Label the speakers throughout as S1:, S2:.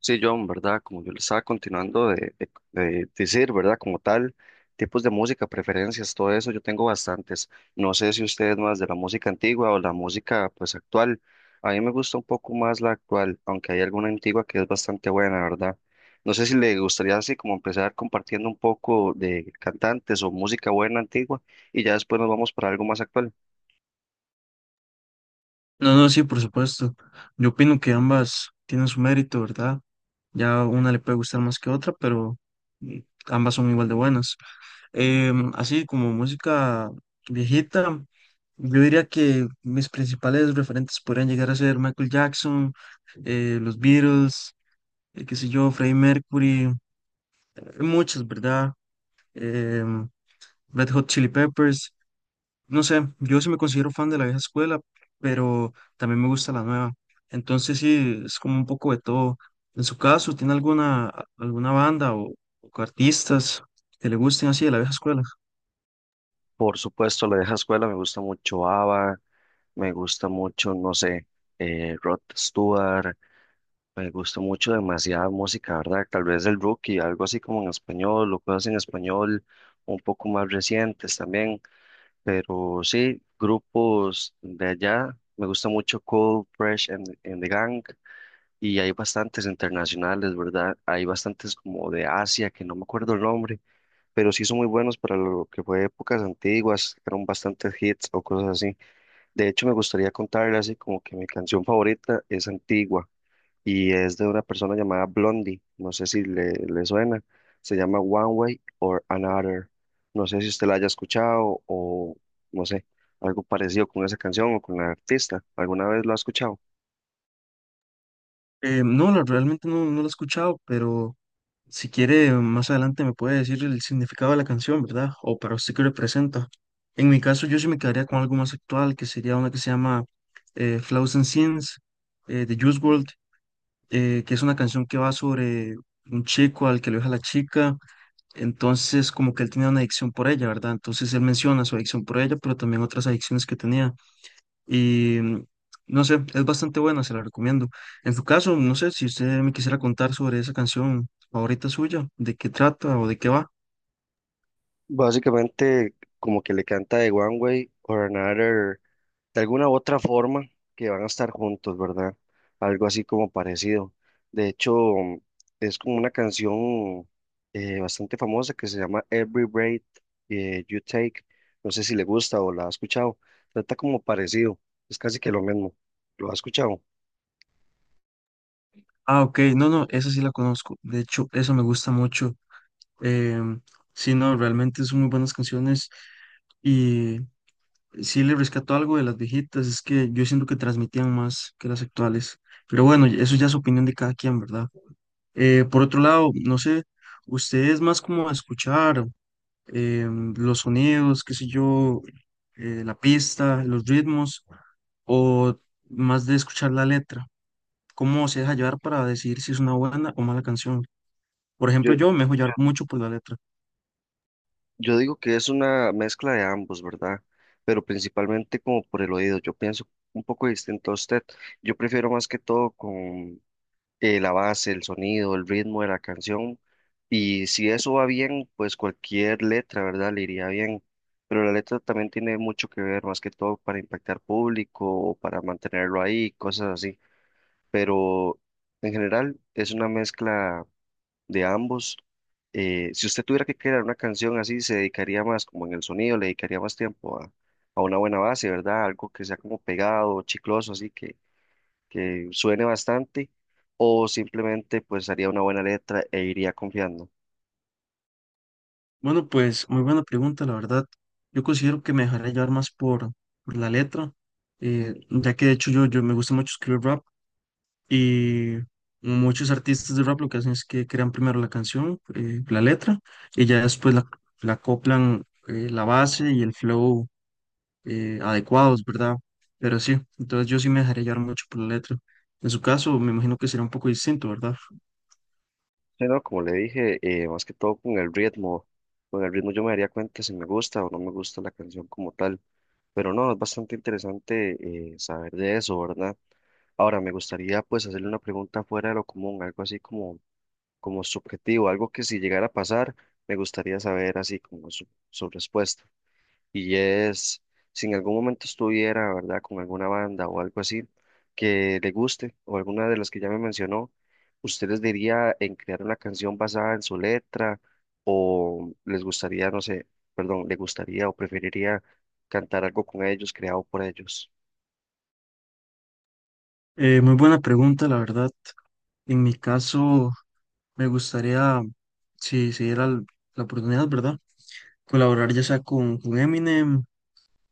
S1: Sí, John, ¿verdad? Como yo le estaba continuando de decir, ¿verdad? Como tal, tipos de música, preferencias, todo eso, yo tengo bastantes. No sé si usted es más de la música antigua o la música, pues, actual. A mí me gusta un poco más la actual, aunque hay alguna antigua que es bastante buena, ¿verdad? No sé si le gustaría así como empezar compartiendo un poco de cantantes o música buena antigua y ya después nos vamos para algo más actual.
S2: No, no, sí, por supuesto. Yo opino que ambas tienen su mérito, ¿verdad? Ya una le puede gustar más que otra, pero mm, ambas son igual de buenas. Así como música viejita, yo diría que mis principales referentes podrían llegar a ser Michael Jackson, los Beatles, qué sé yo, Freddie Mercury, hay muchos, ¿verdad? Em, Red Hot Chili Peppers. No sé, yo sí me considero fan de la vieja escuela, pero también me gusta la nueva. Entonces sí, es como un poco de todo. En su caso, ¿tiene alguna banda o artistas que le gusten así de la vieja escuela?
S1: Por supuesto, la vieja escuela me gusta mucho ABBA, me gusta mucho, no sé, Rod Stewart. Me gustó mucho demasiada música, ¿verdad? Tal vez el Rookie, algo así como en español, o cosas en español un poco más recientes también. Pero sí, grupos de allá, me gusta mucho Cold, Fresh and the Gang, y hay bastantes internacionales, ¿verdad? Hay bastantes como de Asia, que no me acuerdo el nombre, pero sí son muy buenos para lo que fue épocas antiguas, eran bastantes hits o cosas así. De hecho, me gustaría contarles así como que mi canción favorita es antigua y es de una persona llamada Blondie. No sé si le suena. Se llama One Way or Another. No sé si usted la haya escuchado o no sé, algo parecido con esa canción o con la artista. ¿Alguna vez lo ha escuchado?
S2: No, realmente no la he escuchado, pero si quiere, más adelante me puede decir el significado de la canción, ¿verdad? O para usted qué representa. En mi caso, yo sí me quedaría con algo más actual, que sería una que se llama Flaws and Sins, de Juice WRLD. Que es una canción que va sobre un chico al que lo deja la chica, entonces como que él tenía una adicción por ella, ¿verdad? Entonces él menciona su adicción por ella, pero también otras adicciones que tenía. Y mm, no sé, es bastante buena, se la recomiendo. En su caso, no sé si usted me quisiera contar sobre esa canción favorita suya, de qué trata o de qué va.
S1: Básicamente, como que le canta de One Way or Another, de alguna u otra forma que van a estar juntos, ¿verdad? Algo así como parecido. De hecho, es como una canción bastante famosa que se llama Every Breath You Take. No sé si le gusta o la ha escuchado. Trata como parecido, es casi que lo mismo. ¿Lo ha escuchado?
S2: Ah, ok, no, no, esa sí la conozco. De hecho, esa me gusta mucho. Em, sí, no, realmente son muy buenas canciones. Y sí le rescató algo de las viejitas, es que yo siento que transmitían más que las actuales. Pero bueno, y eso ya es opinión de cada quien, ¿verdad? Por otro lado, no sé, usted es más como a escuchar eh, los sonidos, qué sé yo, la pista, los ritmos, o más de escuchar la letra. ¿Cómo se deja llevar para decidir si es una buena o mala canción? Por ejemplo,
S1: Yo,
S2: yo me dejo llevar mucho por la letra.
S1: yo digo que es una mezcla de ambos, ¿verdad? Pero principalmente como por el oído. Yo pienso un poco distinto a usted. Yo prefiero más que todo con la base, el sonido, el ritmo de la canción. Y si eso va bien, pues cualquier letra, ¿verdad? Le iría bien. Pero la letra también tiene mucho que ver, más que todo para impactar público o para mantenerlo ahí, cosas así. Pero en general es una mezcla de ambos. Si usted tuviera que crear una canción así, se dedicaría más como en el sonido, le dedicaría más tiempo a una buena base, ¿verdad? Algo que sea como pegado, chicloso, así que suene bastante, o simplemente pues haría una buena letra e iría confiando.
S2: Bueno, pues muy buena pregunta, la verdad. Yo considero que me dejaré llevar más por la letra, ya que de hecho yo me gusta mucho escribir rap y muchos artistas de rap lo que hacen es que crean primero la canción, la letra, y ya después la acoplan la base y el flow adecuados, ¿verdad? Pero sí, entonces yo sí me dejaré llevar mucho por la letra. En su caso, me imagino que será un poco distinto, ¿verdad?
S1: Sí, no como le dije, más que todo con el ritmo yo me daría cuenta si me gusta o no me gusta la canción como tal. Pero no, es bastante interesante, saber de eso, ¿verdad? Ahora, me gustaría pues hacerle una pregunta fuera de lo común, algo así como, como subjetivo, algo que si llegara a pasar, me gustaría saber así como su respuesta. Y es, si en algún momento estuviera, ¿verdad?, con alguna banda o algo así que le guste o alguna de las que ya me mencionó, ¿usted les diría en crear una canción basada en su letra o les gustaría, no sé, perdón, le gustaría o preferiría cantar algo con ellos, creado por ellos?
S2: Muy buena pregunta, la verdad. En mi caso... Me gustaría, si se diera la oportunidad, ¿verdad? Colaborar ya sea con Eminem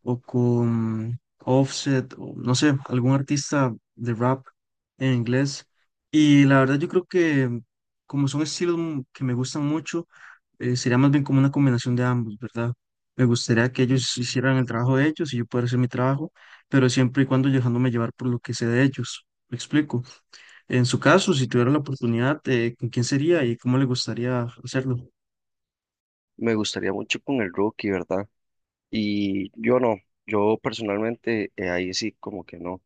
S2: o con Offset o no sé, algún artista de rap en inglés. Y la verdad yo creo que como son estilos que me gustan mucho, sería más bien como una combinación de ambos, ¿verdad? Me gustaría que ellos hicieran el trabajo de ellos y yo poder hacer mi trabajo, pero siempre y cuando dejándome llevar por lo que sé de ellos. ¿Me explico? En su caso, si tuviera la oportunidad, ¿con quién sería y cómo le gustaría hacerlo?
S1: Me gustaría mucho con el Rookie, ¿verdad? Y yo no, yo personalmente ahí sí como que no.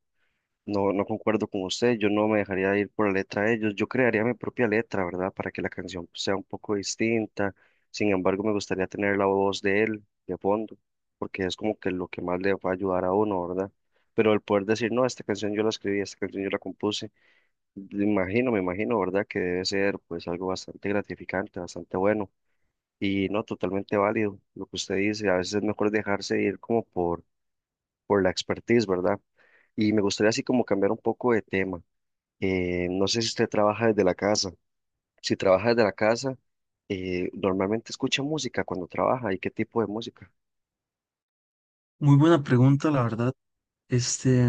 S1: No concuerdo con usted, yo no me dejaría ir por la letra de ellos, yo crearía mi propia letra, ¿verdad? Para que la canción sea un poco distinta, sin embargo me gustaría tener la voz de él de fondo, porque es como que lo que más le va a ayudar a uno, ¿verdad? Pero el poder decir, no, esta canción yo la escribí, esta canción yo la compuse, me imagino, ¿verdad? Que debe ser pues algo bastante gratificante, bastante bueno y no totalmente válido lo que usted dice, a veces es mejor dejarse ir como por la expertise, ¿verdad? Y me gustaría así como cambiar un poco de tema. No sé si usted trabaja desde la casa. Si trabaja desde la casa, normalmente escucha música cuando trabaja y qué tipo de música.
S2: Muy buena pregunta, la verdad. Este,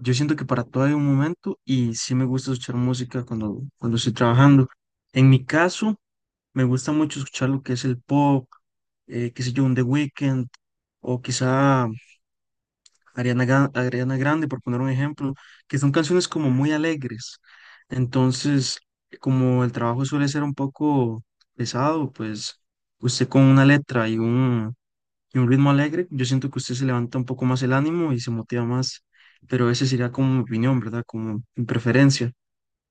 S2: yo siento que para todo hay un momento y sí me gusta escuchar música cuando estoy trabajando. En mi caso, me gusta mucho escuchar lo que es el pop, qué sé yo, un The Weeknd o quizá Ariana Grande, por poner un ejemplo, que son canciones como muy alegres. Entonces, como el trabajo suele ser un poco pesado, pues usted con una letra y y un ritmo alegre, yo siento que usted se levanta un poco más el ánimo y se motiva más, pero esa sería como mi opinión, ¿verdad? Como mi preferencia.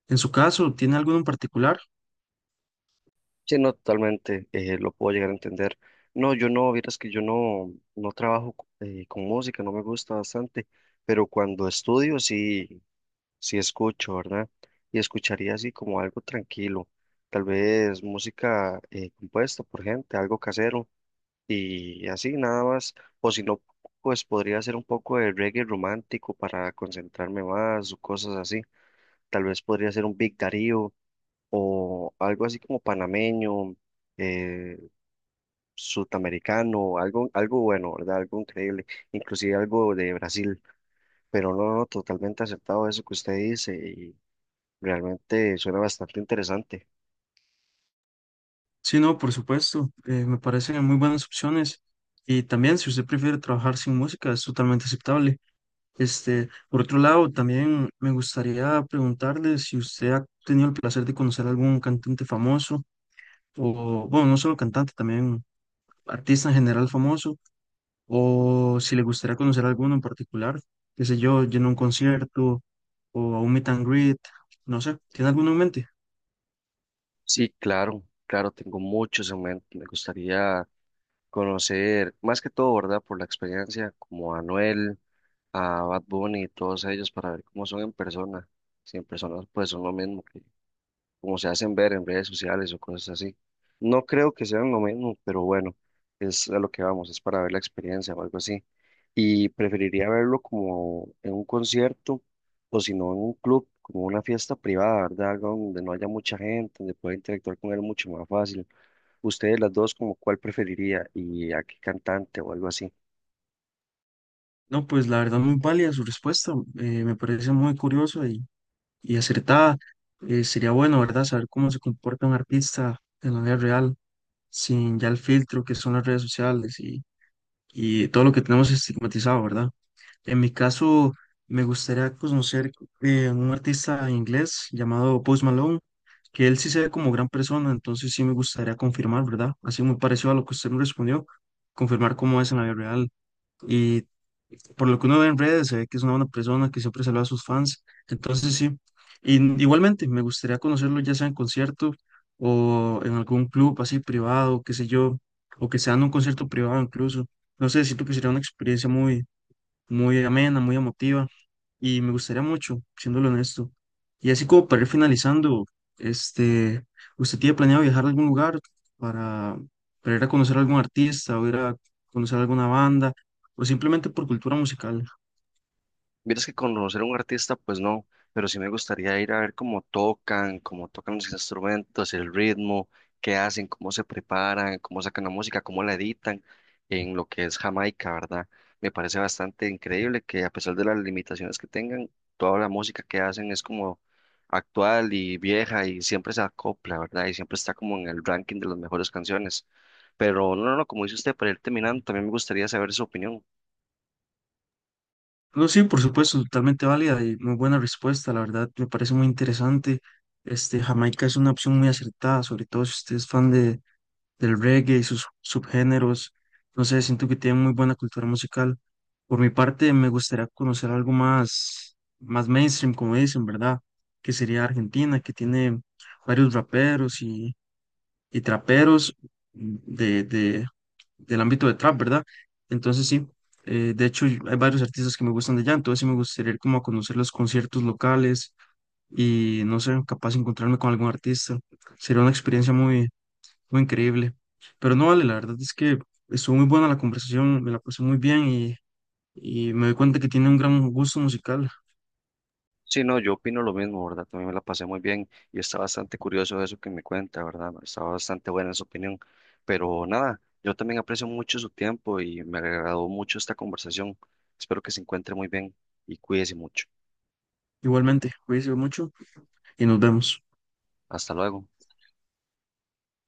S2: En su caso, ¿tiene alguno en particular?
S1: Sí, no, totalmente, lo puedo llegar a entender. No, yo no, vieras que yo no, no trabajo con música, no me gusta bastante, pero cuando estudio sí, sí escucho, ¿verdad? Y escucharía así como algo tranquilo, tal vez música, compuesta por gente, algo casero y así nada más, o si no, pues podría hacer un poco de reggae romántico para concentrarme más o cosas así. Tal vez podría ser un Big Darío o algo así como panameño, eh, sudamericano, algo bueno, ¿verdad? Algo increíble, inclusive algo de Brasil, pero no, no, totalmente aceptado eso que usted dice y realmente suena bastante interesante.
S2: Sí, no, por supuesto, me parecen muy buenas opciones. Y también, si usted prefiere trabajar sin música, es totalmente aceptable. Este, por otro lado, también me gustaría preguntarle si usted ha tenido el placer de conocer algún cantante famoso, o bueno, no solo cantante, también artista en general famoso, o si le gustaría conocer alguno en particular, qué sé yo, yendo a un concierto o a un meet and greet, no sé, ¿tiene alguno en mente?
S1: Sí, claro, claro, tengo muchos en mente, me gustaría conocer, más que todo, ¿verdad? Por la experiencia, como a Anuel, a Bad Bunny y todos ellos, para ver cómo son en persona. Si en persona, pues son lo mismo que como se hacen ver en redes sociales o cosas así. No creo que sean lo mismo, pero bueno, es a lo que vamos, es para ver la experiencia o algo así. Y preferiría verlo como en un concierto o si no en un club, como una fiesta privada, ¿verdad? Algo donde no haya mucha gente, donde pueda interactuar con él mucho más fácil. Ustedes las dos, como cuál preferiría y a qué cantante o algo así.
S2: No, pues la verdad muy válida su respuesta, me parece muy curiosa y acertada. Sería bueno, ¿verdad?, saber cómo se comporta un artista en la vida real, sin ya el filtro que son las redes sociales y todo lo que tenemos estigmatizado, ¿verdad? En mi caso, me gustaría conocer un artista inglés llamado Post Malone, que él sí se ve como gran persona, entonces sí me gustaría confirmar, ¿verdad? Así muy parecido a lo que usted me respondió, confirmar cómo es en la vida real. Y por lo que uno ve en redes, se ve que es una buena persona, que siempre saluda a sus fans. Entonces, sí, y, igualmente me gustaría conocerlo ya sea en concierto o en algún club así privado, qué sé yo, o que sea en un concierto privado incluso. No sé, siento que sería una experiencia muy amena, muy emotiva y me gustaría mucho, siéndolo honesto. Y así como para ir finalizando, este, ¿usted tiene planeado viajar a algún lugar para, para ir a conocer a algún artista o ir a conocer a alguna banda o simplemente por cultura musical?
S1: Miras que conocer a un artista, pues no, pero sí me gustaría ir a ver cómo tocan los instrumentos, el ritmo, qué hacen, cómo se preparan, cómo sacan la música, cómo la editan en lo que es Jamaica, ¿verdad? Me parece bastante increíble que a pesar de las limitaciones que tengan, toda la música que hacen es como actual y vieja y siempre se acopla, ¿verdad? Y siempre está como en el ranking de las mejores canciones. Pero no, no, no, como dice usted, para ir terminando, también me gustaría saber su opinión.
S2: No, sí, por supuesto, totalmente válida y muy buena respuesta, la verdad, me parece muy interesante. Este, Jamaica es una opción muy acertada, sobre todo si usted es fan del reggae y sus subgéneros. No sé, siento que tiene muy buena cultura musical. Por mi parte, me gustaría conocer algo más, más mainstream, como dicen, ¿verdad? Que sería Argentina, que tiene varios raperos y traperos de, de, del ámbito de trap, ¿verdad? Entonces sí, de hecho hay varios artistas que me gustan de allá, entonces sí me gustaría ir como a conocer los conciertos locales y no sé, capaz de encontrarme con algún artista. Sería una experiencia muy increíble. Pero no vale, la verdad es que estuvo muy buena la conversación, me la pasé muy bien y me doy cuenta que tiene un gran gusto musical.
S1: Sí, no, yo opino lo mismo, ¿verdad? También me la pasé muy bien y está bastante curioso eso que me cuenta, ¿verdad? Está bastante buena su opinión. Pero nada, yo también aprecio mucho su tiempo y me agradó mucho esta conversación. Espero que se encuentre muy bien y cuídese mucho.
S2: Igualmente, cuídense mucho y nos vemos.
S1: Hasta luego.